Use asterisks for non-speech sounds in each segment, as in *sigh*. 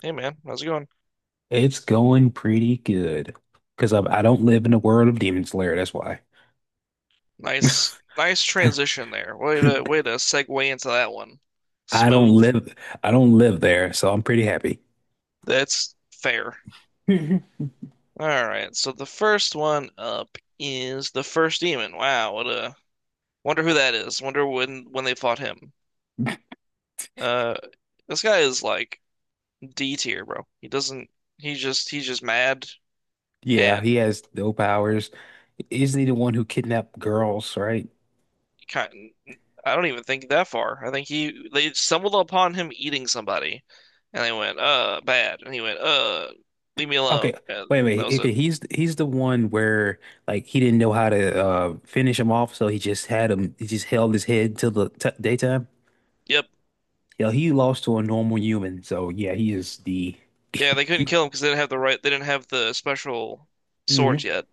Hey man, how's it going? It's going pretty good because I don't live in the world of Demon Slayer. That's why Nice, nice transition there. Way to way *laughs* to segue into that one. I don't Smooth. live I don't live there, so I'm pretty happy. That's fair. *laughs* All right. So the first one up is the first demon. Wow, what a wonder who that is. Wonder when they fought him. Uh, this guy is like D tier, bro. He doesn't. He just he's just mad Yeah, he and has no powers. Isn't he the one who kidnapped girls, right? kind I don't even think that far. I think he they stumbled upon him eating somebody, and they went, bad." And he went, leave me alone." Okay, And wait a that minute. was Okay, it. he's the one where like he didn't know how to finish him off, so he just had him. He just held his head till the t daytime. Yep. Yeah, he lost to a normal human, so yeah, he is the. Yeah, they couldn't *laughs* kill him because they didn't have the right. They didn't have the special hmm swords yet.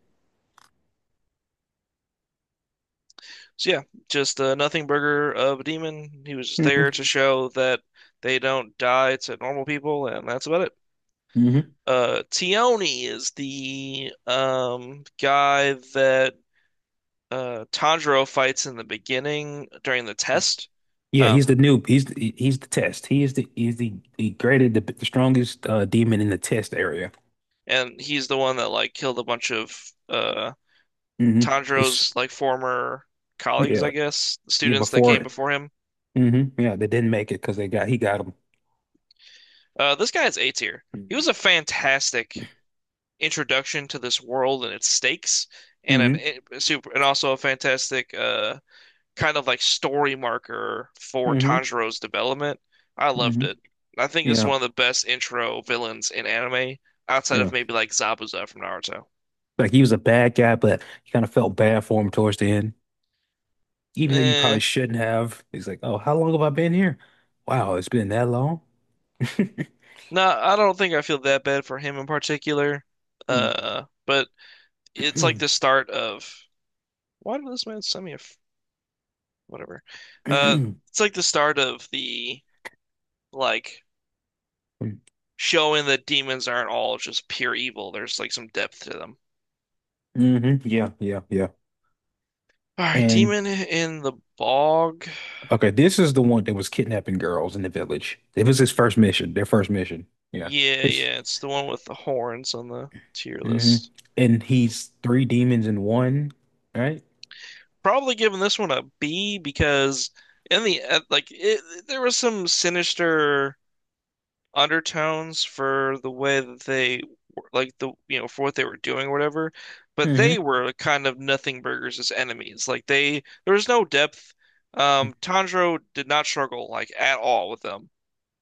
So yeah, just a nothing burger of a demon. He was just there to hmm show that they don't die to normal people, and that's about it. hmm Tione is the guy that Tanjiro fights in the beginning during the test. Yeah, Um he's the who- noob. He's the test. He is the greatest, the strongest demon in the test area. and he's the one that like killed a bunch of uh hmm It's Tanjiro's like former colleagues, I Yeah, guess, yeah. students that came Before, before him. Yeah, they didn't make it because they got he got him. Uh, this guy is A tier. He was a fantastic introduction to this world and its stakes and an hmm eh, super and also a fantastic kind of like story marker for hmm Tanjiro's development. I loved hmm it. I think it's Yeah, one of the best intro villains in anime, outside of yeah. maybe like Zabuza from Naruto. Like he was a bad guy, but you kind of felt bad for him towards the end, even though you probably Eh, shouldn't have. He's like, oh, how long have I been here? Wow, it's been that long. *laughs* no, I don't think I feel that bad for him in particular. *clears throat* But it's like hmm the start of why did this man send me a f- whatever? Uh, it's like the start of the like showing that demons aren't all just pure evil. There's like some depth to them. Yeah, yeah, yeah. All right, And demon in the bog. Okay, this is the one that was kidnapping girls in the village. It was his first mission, their first mission. Yeah. Yeah, It's yeah, it's the one with the horns on the tier hmm list. And he's three demons in one, right? Probably giving this one a B because in the like it, there was some sinister undertones for the way that like the you know for what they were doing or whatever, but hmm they were kind of nothing burgers as enemies. Like they There was no depth. Tanjiro did not struggle like at all with them.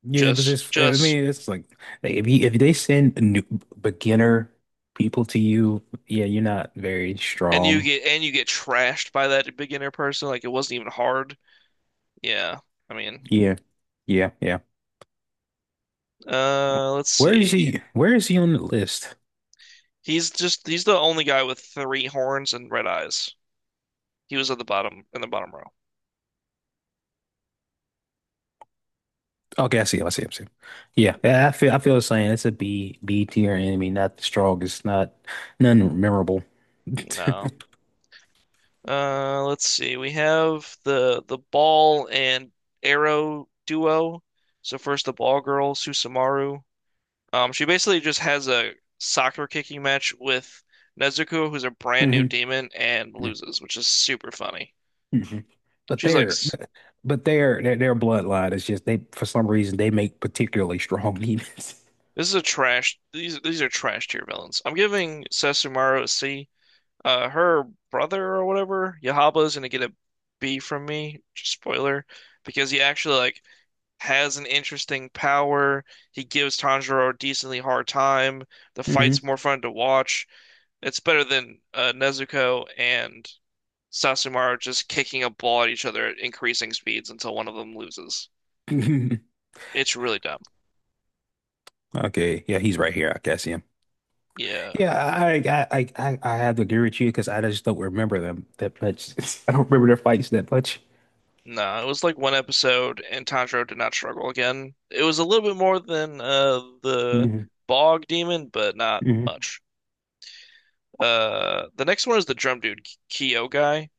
Yeah, it was his I Just mean, it's like, if if they send new beginner people to you, yeah, you're not very and you strong. get and you get trashed by that beginner person. Like it wasn't even hard. Yeah. I mean, Yeah. Yeah, yeah. uh, let's see. Where is he on the list? He's just he's the only guy with three horns and red eyes. He was at the bottom in the bottom row. Okay, I see him. I see him. I see him. Yeah, yeah. I feel the same. It's a B tier enemy, not the strongest, not none memorable. *laughs* No. Let's see. We have the ball and arrow duo. So first the ball girl, Susumaru. She basically just has a soccer kicking match with Nezuko, who's a brand new hmm demon, and loses, which is super funny. hmm But She's like, their, "S- but their bloodline is just they for some reason they make particularly strong *laughs* demons. "This is a trash. These are trash tier villains." I'm giving Susumaru a C. Her brother or whatever, Yahaba is gonna get a B from me. Just spoiler, because he actually like has an interesting power. He gives Tanjiro a decently hard time. The fight's hmm more fun to watch. It's better than Nezuko and Sasumaru just kicking a ball at each other at increasing speeds until one of them loses. *laughs* It's really dumb. Okay, yeah, he's right here. I can see him. Yeah. Yeah, I have to agree with you because I just don't remember them that much. *laughs* I don't remember their fights that much. No, it was like one episode, and Tanjiro did not struggle again. It was a little bit more than the hmm bog demon, but not hmm much. The next one is the drum dude, Kyo guy,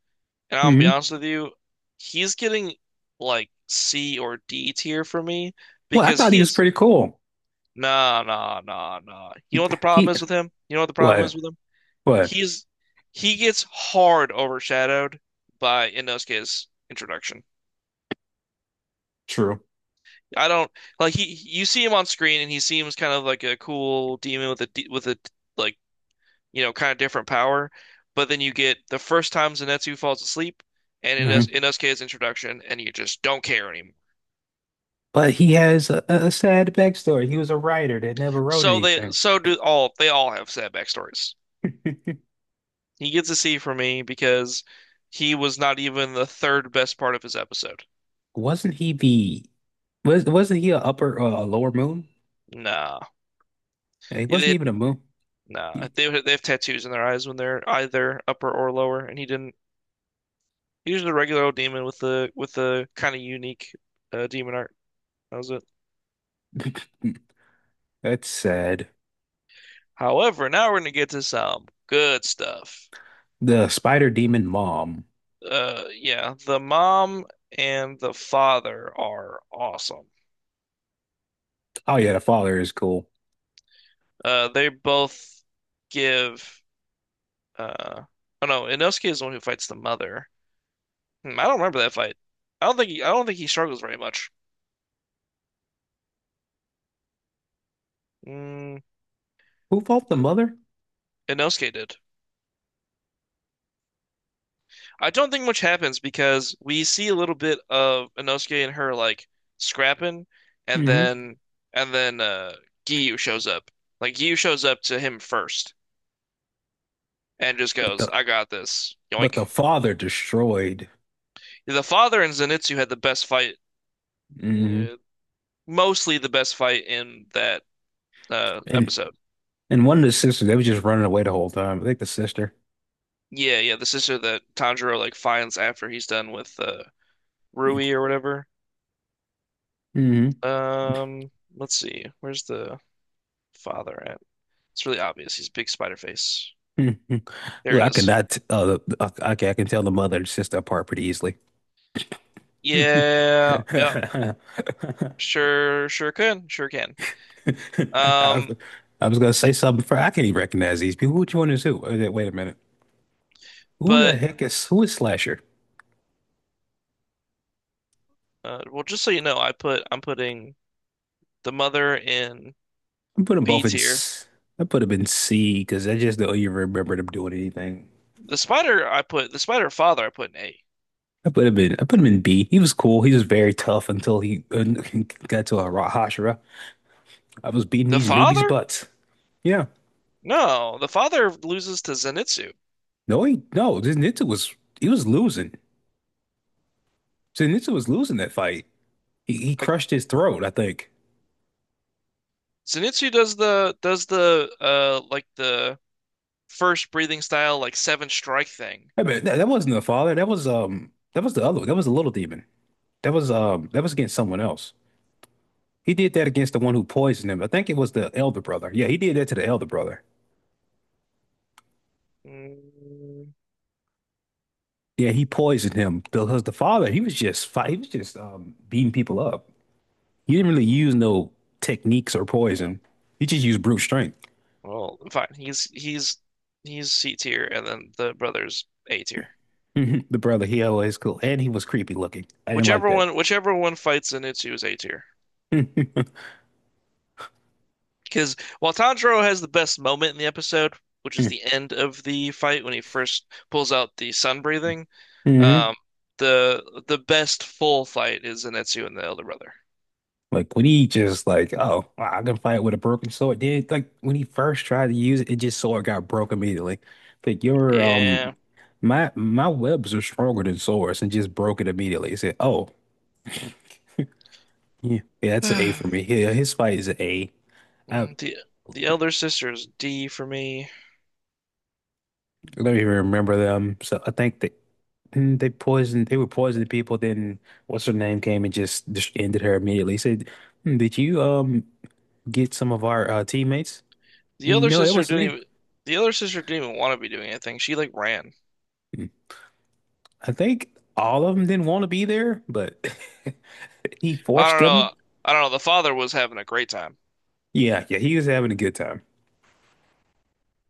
and I'm gonna be hmm honest with you, he's getting like C or D tier for me Well, I because thought he he was is pretty cool. nah nah nah nah. You know He, what the problem he is with him? You know what the problem is What? with him? What? He's he gets hard overshadowed by Inosuke's introduction. True. I don't like he. You see him on screen, and he seems kind of like a cool demon with with a like you know kind of different power. But then you get the first time Zenitsu falls asleep, and in us hmm in Inosuke's introduction, and you just don't care anymore. But he has a sad backstory. He was a writer that never wrote So they anything. so do all they all have sad backstories. *laughs* He gets a C from me because he was not even the third best part of his episode. Wasn't he the wasn't he a lower moon? Nah, He wasn't they even a moon. nah He- they have tattoos in their eyes when they're either upper or lower, and he didn't. He's just a regular old demon with the kind of unique demon art. That was it. hmm, that's sad. However, now we're gonna get to some good stuff. The spider demon mom. Yeah, the mom and the father are awesome. Oh yeah, the father is cool. They both give. Uh, oh no, Inosuke is the one who fights the mother. Hmm, I don't remember that fight. I don't think he struggles very much. Mm, Who fought the the, mother? Inosuke did. I don't think much happens because we see a little bit of Inosuke and her like scrapping, and hmm then and then uh Giyu shows up. Like Giyu shows up to him first and just But goes, the "I got this." but the Yoink. father destroyed. The father and Zenitsu had the best fight, hmm uh, mostly the best fight in that And episode. and one of the sisters, they was just running away the whole time. I think the sister. Yeah, yeah, the sister that Tanjiro like finds after he's done with Rui or whatever. hmm Let's see. Where's the father It's really obvious. He's a big spider face. Mhm. There Look, it I is. cannot. Okay, I can tell the mother and sister apart pretty easily. *laughs* Yeah, yeah, I, sure, sure can, sure can. Um, was- I was gonna say something for I can't even recognize these people. Which one is who? Wait a minute. But Who is Slasher? Well, just so you know, I'm putting the mother in I put them B both in. tier. I put them in C because I just don't even remember them doing anything. The spider I put the spider father I put in A. I put him in B. He was cool. He was very tough until he *laughs* got to a Hashira. I was beating The these newbies' father? butts. Yeah. No, the father loses to Zenitsu. No, he no. Zenitsu was losing. Zenitsu was losing that fight. He Uh, crushed his throat, I think. Zenitsu does the like the first breathing style like seven strike thing. I mean, that wasn't the father. That was the other one. That was the little demon. That was against someone else. He did that against the one who poisoned him. I think it was the elder brother. Yeah, he did that to the elder brother. Mm, Yeah, he poisoned him because the father he was just beating people up. He didn't really use no techniques or no. poison. He just used brute strength. Well, fine. He's C tier, and then the brother's A tier. *laughs* The brother he always cool and he was creepy looking. I didn't like Whichever one fights Zenitsu is A tier. that. *laughs* Because while Tanjiro has the best moment in the episode, which is hmm the end of the fight when he first pulls out the sun breathing, um, the best full fight is Zenitsu and the elder brother. Like when he just like, oh, I can fight with a broken sword. Then like when he first tried to use it, it just sword got broke immediately. Like your Yeah. my webs are stronger than swords and just broke it immediately. He said, oh, yeah, yeah, that's an A for me. *sighs* Yeah, his fight is an A. I The the elder sister is D for me. don't even remember them. So I think that they were poisoning people, then what's her name came and just ended her immediately. He said, "Hmm, did you get some of our teammates?" The elder No, that sister wasn't didn't me. even the elder sister didn't even want to be doing anything. She like ran. I think all of them didn't want to be there, but *laughs* he I forced don't them. know. I don't know. The father was having a great time. Yeah, yeah, he was having a good time.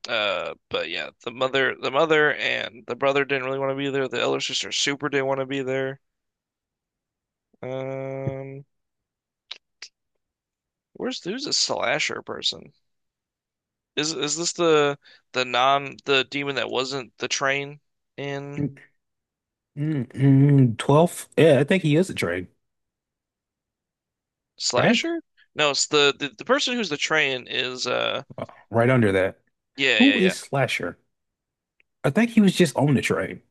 But yeah, the mother and the brother didn't really want to be there. The elder sister super didn't want to be there. Um, where's who's the slasher person? Is this the non the demon that wasn't the train in Mm, 12th. Yeah, I think he is a train, right? slasher? No, it's the person who's the train is Right under that. yeah yeah Who yeah. is Slasher? I think he was just on the train.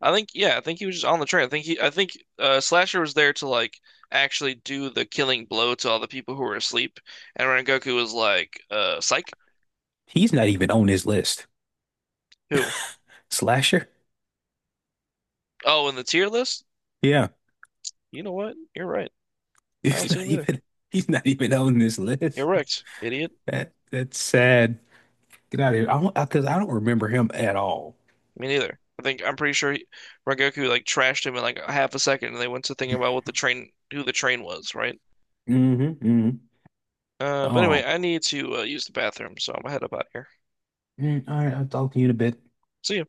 I think yeah, I think he was just on the train. I think Slasher was there to like actually do the killing blow to all the people who were asleep. And Rengoku was like, uh, psych? He's not even on this list. Who? Slasher? Oh, in the tier list? Yeah, You know what? You're right. *laughs* I don't he's see not him either. even he's not even on this You're list. wrecked, idiot. That's sad. Get out of here. I don't remember him at all. Me neither. I'm pretty sure Rengoku like trashed him in like half a second and they went to thinking about what the train who the train was, right? Mm-hmm. But Oh, anyway, I need to use the bathroom, so I'm gonna head up out here. All right. I'll talk to you in a bit. See ya.